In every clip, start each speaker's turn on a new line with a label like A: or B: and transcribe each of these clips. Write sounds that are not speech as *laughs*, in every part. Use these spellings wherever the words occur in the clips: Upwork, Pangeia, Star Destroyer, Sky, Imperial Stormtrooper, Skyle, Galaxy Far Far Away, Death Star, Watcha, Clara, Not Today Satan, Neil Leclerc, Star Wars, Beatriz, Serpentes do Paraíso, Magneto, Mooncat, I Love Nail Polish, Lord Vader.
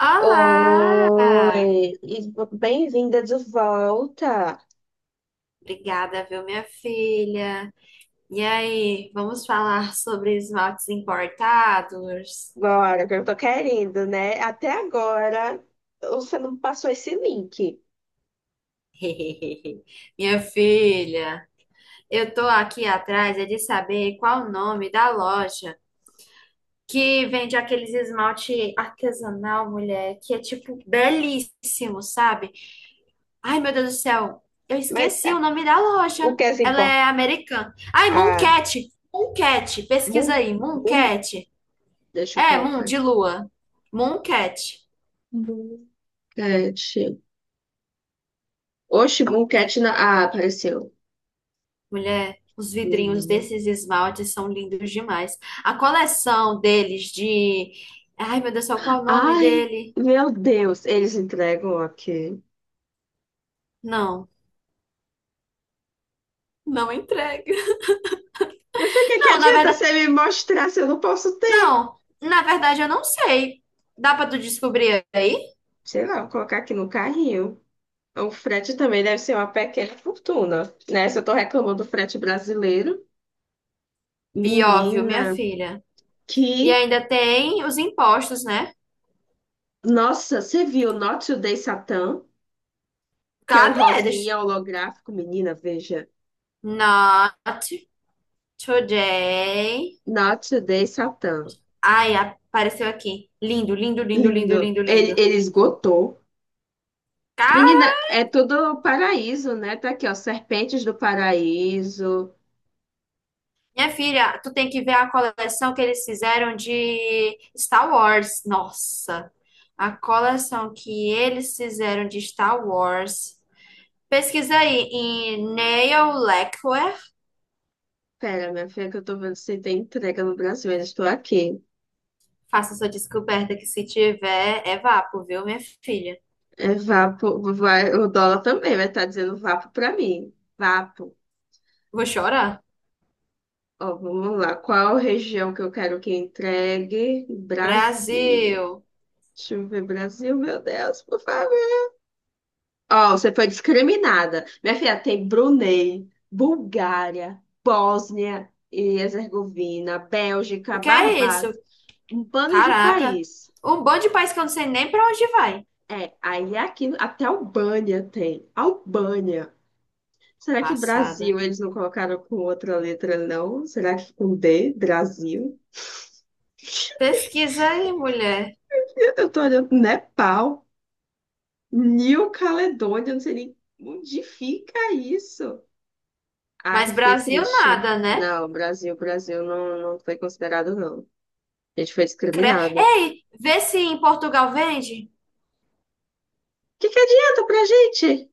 A: Olá!
B: Oi, e bem-vinda de volta.
A: Obrigada, viu, minha filha? E aí, vamos falar sobre esmaltes importados?
B: Agora, que eu tô querendo, né? Até agora você não passou esse link.
A: *laughs* Minha filha, eu tô aqui atrás é de saber qual o nome da loja que vende aqueles esmalte artesanal, mulher, que é tipo belíssimo, sabe? Ai, meu Deus do céu, eu
B: Mas
A: esqueci o nome da loja.
B: o que é
A: Ela
B: importa?
A: é americana. Ai,
B: Ah,
A: Mooncat! Mooncat, pesquisa
B: Moon,
A: aí,
B: Moon,
A: Mooncat.
B: deixa eu
A: É, Moon,
B: colocar
A: de
B: aqui.
A: lua. Mooncat.
B: Mooncat. Oxe, Mooncat na. Ah, apareceu.
A: Mulher, os vidrinhos
B: Uhum.
A: desses esmaltes são lindos demais. A coleção deles de... ai, meu Deus do céu, qual é o nome
B: Ai,
A: dele?
B: meu Deus, eles entregam aqui.
A: Não, não entrega.
B: Eu fiquei que
A: Não, na
B: adianta
A: verdade...
B: você me mostrar se eu não posso ter?
A: não, na verdade eu não sei. Dá pra tu descobrir aí?
B: Sei lá, vou colocar aqui no carrinho. O frete também deve ser uma pequena fortuna, né? Se eu tô reclamando do frete brasileiro,
A: Pior, viu, minha
B: menina,
A: filha? E
B: que.
A: ainda tem os impostos, né?
B: Nossa, você viu Not Today Satan, que é um
A: Cadê eles?
B: rosinha holográfico, menina, veja.
A: Not today.
B: Not Today Satan.
A: Ai, apareceu aqui. Lindo, lindo, lindo, lindo,
B: Lindo.
A: lindo,
B: Ele,
A: lindo.
B: ele esgotou.
A: Cara,
B: Menina, é tudo um paraíso, né? Tá aqui, ó, Serpentes do Paraíso.
A: minha filha, tu tem que ver a coleção que eles fizeram de Star Wars. Nossa, a coleção que eles fizeram de Star Wars. Pesquisa aí em Neil Leclerc.
B: Pera, minha filha, que eu tô vendo se tem entrega no Brasil, ainda estou aqui.
A: Faça sua descoberta que se tiver é vapo, viu, minha filha?
B: É vapo, vai, o dólar também vai estar dizendo vapo pra mim. Vapo.
A: Vou chorar.
B: Ó, vamos lá. Qual região que eu quero que entregue? Brasil.
A: Brasil.
B: Deixa eu ver, Brasil, meu Deus, por favor. Ó, você foi discriminada. Minha filha, tem Brunei, Bulgária, Bósnia e Herzegovina, Bélgica,
A: O que é isso?
B: Barbados, um bando de
A: Caraca.
B: país.
A: Um bando de país que eu não sei nem pra onde vai.
B: É, aí é aqui até Albânia tem. Albânia. Será que
A: Passada.
B: Brasil eles não colocaram com outra letra, não? Será que com D, Brasil?
A: Pesquisa aí, mulher.
B: Eu tô olhando Nepal. New Caledônia, eu não sei nem onde fica isso. Ai, eu
A: Mas
B: fiquei
A: Brasil
B: triste.
A: nada, né?
B: Não, Brasil, não foi considerado, não. A gente foi
A: Cre-
B: discriminada. O
A: ei, vê se em Portugal vende.
B: que que adianta pra gente?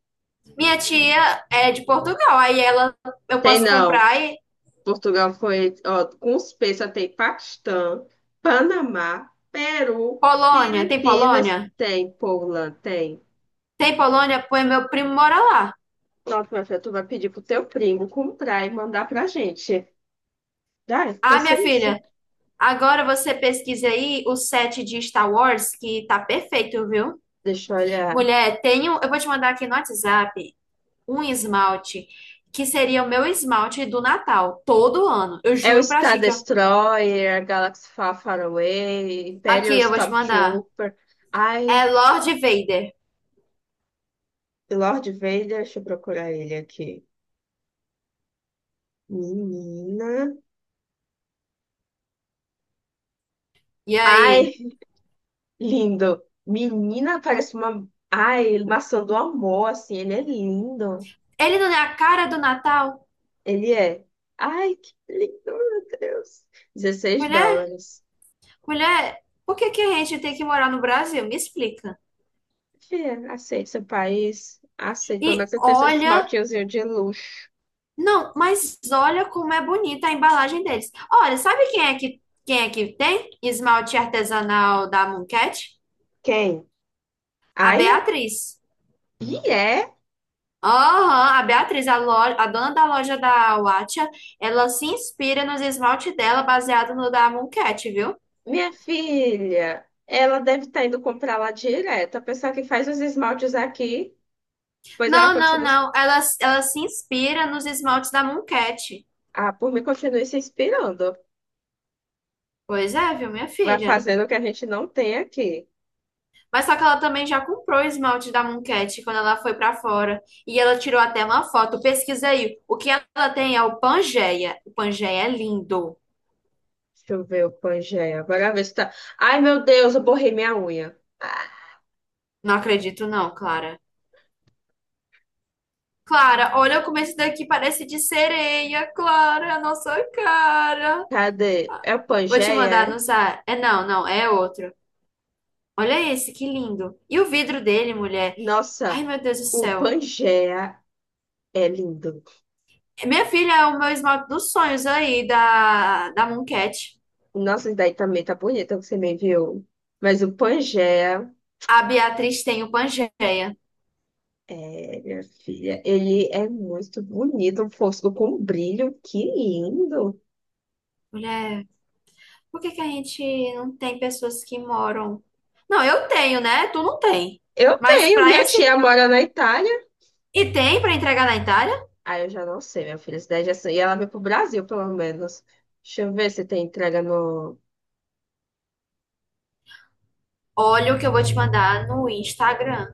A: Minha tia é de Portugal, aí ela eu
B: Tem
A: posso
B: não.
A: comprar e
B: Portugal foi, ó, com os P só tem Paquistão, Panamá, Peru,
A: Polônia, tem
B: Filipinas,
A: Polônia?
B: tem, Poland, tem.
A: Tem Polônia, pois meu primo mora lá.
B: Nossa, minha filha, tu vai pedir pro teu primo comprar e mandar pra gente. Ai,
A: Ah, minha
B: pensei isso.
A: filha, agora você pesquisa aí o set de Star Wars que tá perfeito, viu?
B: Deixa eu olhar.
A: Mulher, tenho, eu vou te mandar aqui no WhatsApp um esmalte que seria o meu esmalte do Natal, todo ano. Eu
B: É o
A: juro pra
B: Star
A: ti que eu-
B: Destroyer, Galaxy Far Far Away, Imperial
A: aqui eu vou te mandar.
B: Stormtrooper. Ai,
A: É Lord Vader.
B: Lord Vader, deixa eu procurar ele aqui. Menina.
A: E aí?
B: Ai, lindo. Menina, parece uma. Ai, maçã do amor, assim. Ele é lindo.
A: Ele não é a cara do Natal?
B: Ele é. Ai, que lindo, meu Deus. 16
A: Mulher,
B: dólares.
A: mulher, por que que a gente tem que morar no Brasil? Me explica.
B: Fia, aceita seu país. Aceita. Pelo
A: E
B: menos você tem seus
A: olha,
B: esmaltinhos de luxo.
A: não, mas olha como é bonita a embalagem deles. Olha, sabe quem é que tem esmalte artesanal da Mooncat?
B: Quem?
A: A
B: Aia?
A: Beatriz.
B: E é.
A: Aham, a Beatriz, a, loja, a dona da loja da Watcha, ela se inspira nos esmaltes dela baseado no da Mooncat, viu?
B: Minha filha, ela deve estar indo comprar lá direto. A pessoa que faz os esmaltes aqui, pois ela
A: Não, não,
B: continua,
A: não, ela se inspira nos esmaltes da Mooncat.
B: ah, por mim, continua se inspirando.
A: Pois é, viu, minha
B: Vai
A: filha?
B: fazendo o que a gente não tem aqui.
A: Mas só que ela também já comprou o esmalte da Mooncat quando ela foi pra fora. E ela tirou até uma foto. Pesquisa aí. O que ela tem é o Pangeia. O Pangeia é lindo.
B: Deixa eu ver o Pangeia. Agora ver se tá. Ai, meu Deus, eu borrei minha unha. Ah,
A: Não acredito, não, Clara. Clara, olha como esse daqui parece de sereia, Clara, é a nossa cara.
B: cadê? É o
A: Vou te
B: Pangeia,
A: mandar
B: é?
A: no zap. É não, não, é outro. Olha esse, que lindo. E o vidro dele, mulher.
B: Nossa,
A: Ai, meu Deus do
B: o
A: céu.
B: Pangeia é lindo.
A: Minha filha é o meu esmalte dos sonhos aí, da Mooncat.
B: Nossa, esse daí também tá bonito que você me enviou. Mas o Pangeia.
A: A Beatriz tem o Pangeia.
B: É, minha filha, ele é muito bonito, um fosco com brilho, que lindo.
A: Mulher, por que que a gente não tem pessoas que moram? Não, eu tenho, né? Tu não tem.
B: Eu
A: Mas
B: tenho,
A: pra
B: minha
A: esse.
B: tia mora na Itália.
A: E tem pra entregar na Itália?
B: Ah, eu já não sei, minha filha, cidade é assim. E ela veio pro Brasil, pelo menos. Deixa eu ver se tem entrega no.
A: Olha o que eu vou te mandar no Instagram.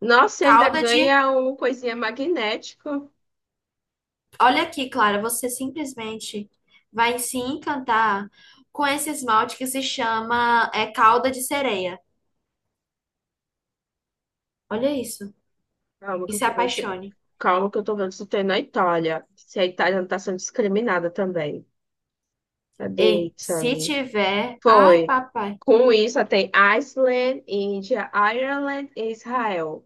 B: Nossa, e ainda
A: Calda de.
B: ganha um coisinha magnético.
A: Olha aqui, Clara, você simplesmente vai se encantar com esse esmalte que se chama calda de sereia. Olha isso.
B: Calma
A: E
B: que eu
A: se
B: tô vendo se...
A: apaixone.
B: Calma que eu tô vendo se tem na Itália. Se a Itália não tá sendo discriminada também. Cadê
A: Ei, se
B: Itália?
A: tiver. Ai,
B: Foi.
A: papai.
B: Com isso, tem Iceland, Índia, Ireland e Israel.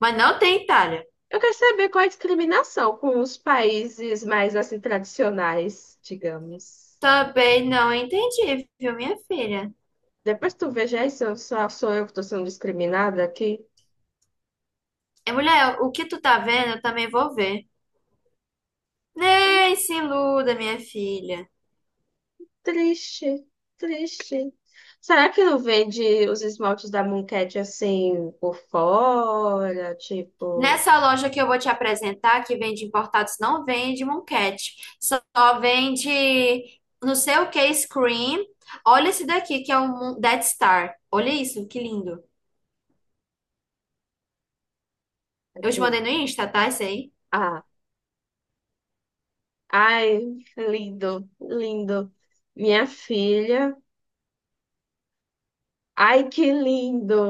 A: Mas não tem Itália.
B: Eu quero saber qual é a discriminação com os países mais assim tradicionais, digamos.
A: Também não entendi, viu, minha filha?
B: Depois tu veja aí se eu só sou eu que estou sendo discriminada aqui.
A: É, mulher, o que tu tá vendo, eu também vou ver. Nem se iluda, minha filha.
B: Triste, triste. Será que não vende os esmaltes da Mooncat assim por fora? Tipo,
A: Nessa loja que eu vou te apresentar, que vende importados, não vende monquete. Só vende não sei o que, screen. Olha esse daqui, que é um Dead Star. Olha isso, que lindo. Eu te
B: cadê?
A: mandei no Insta, tá? Esse aí.
B: Ah, ai, lindo, lindo. Minha filha, ai que lindo.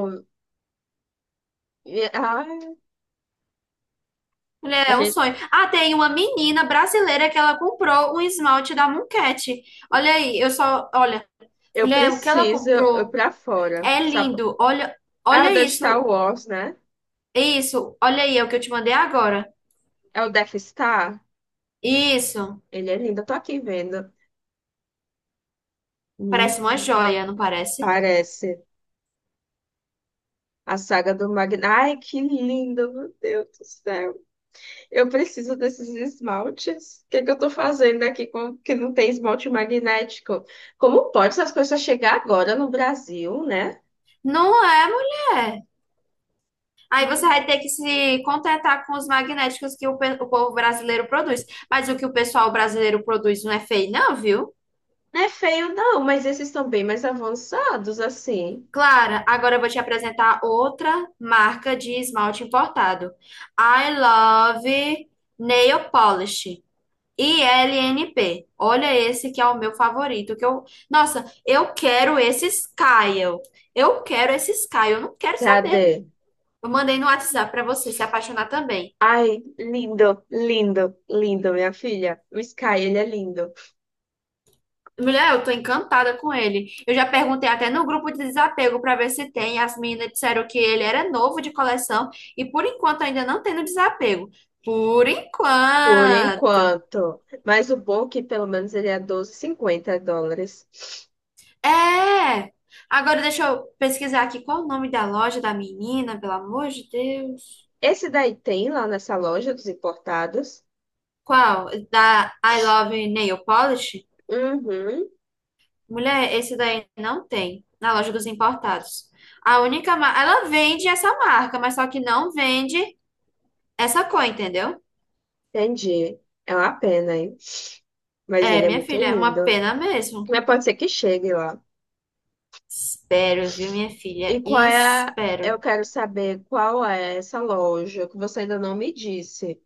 B: Minha- Ai,
A: Mulher,
B: a
A: é um sonho.
B: gente
A: Ah, tem uma menina brasileira que ela comprou um esmalte da Mooncat. Olha aí, eu só, olha,
B: eu
A: mulher, o que ela
B: preciso ir
A: comprou
B: pra fora.
A: é
B: Sabe?
A: lindo. Olha,
B: É o
A: olha
B: da
A: isso.
B: Star Wars, né?
A: Isso, olha aí, é o que eu te mandei agora.
B: É o Death Star?
A: Isso.
B: Ele é lindo, eu tô aqui vendo.
A: Parece uma
B: Hum,
A: joia, não parece?
B: parece. A saga do Magneto. Ai, que lindo, meu Deus do céu. Eu preciso desses esmaltes. O que que eu tô fazendo aqui com que não tem esmalte magnético? Como pode essas coisas chegar agora no Brasil, né?
A: Não é, mulher. Aí você vai ter que se contentar com os magnéticos que o, pe- o povo brasileiro produz. Mas o que o pessoal brasileiro produz não é feio, não, viu?
B: Não é feio, não, mas esses estão bem mais avançados, assim.
A: Clara, agora eu vou te apresentar outra marca de esmalte importado. I Love Nail Polish. ILNP. Olha esse que é o meu favorito, que eu, nossa, eu quero esse Skyle. Eu quero esse Skyle, eu não quero saber.
B: Cadê?
A: Eu mandei no WhatsApp pra você se apaixonar também.
B: Ai, lindo, lindo, lindo, minha filha. O Sky, ele é lindo.
A: Mulher, eu tô encantada com ele. Eu já perguntei até no grupo de desapego pra ver se tem. As meninas disseram que ele era novo de coleção e por enquanto ainda não tem no desapego. Por
B: Por
A: enquanto.
B: enquanto. Mas o bom é que pelo menos ele é US$ 12,50.
A: É. Agora deixa eu pesquisar aqui qual o nome da loja da menina, pelo amor de Deus.
B: Esse daí tem lá nessa loja dos importados.
A: Qual? Da I Love Nail Polish?
B: Uhum,
A: Mulher, esse daí não tem na loja dos importados. A única, ma- ela vende essa marca, mas só que não vende essa cor, entendeu?
B: entendi. É uma pena, hein? Mas ele
A: É,
B: é
A: minha
B: muito
A: filha, é uma
B: lindo.
A: pena mesmo.
B: Mas pode ser que chegue lá.
A: Espero, viu, minha
B: E
A: filha?
B: qual é a... Eu
A: Espero.
B: quero saber qual é essa loja que você ainda não me disse.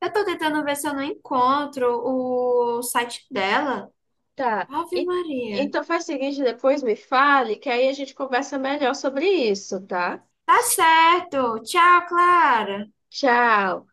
A: Eu tô tentando ver se eu não encontro o site dela.
B: Tá.
A: Ave
B: E-
A: Maria.
B: então faz o seguinte, depois me fale, que aí a gente conversa melhor sobre isso, tá?
A: Tá certo. Tchau, Clara.
B: Tchau.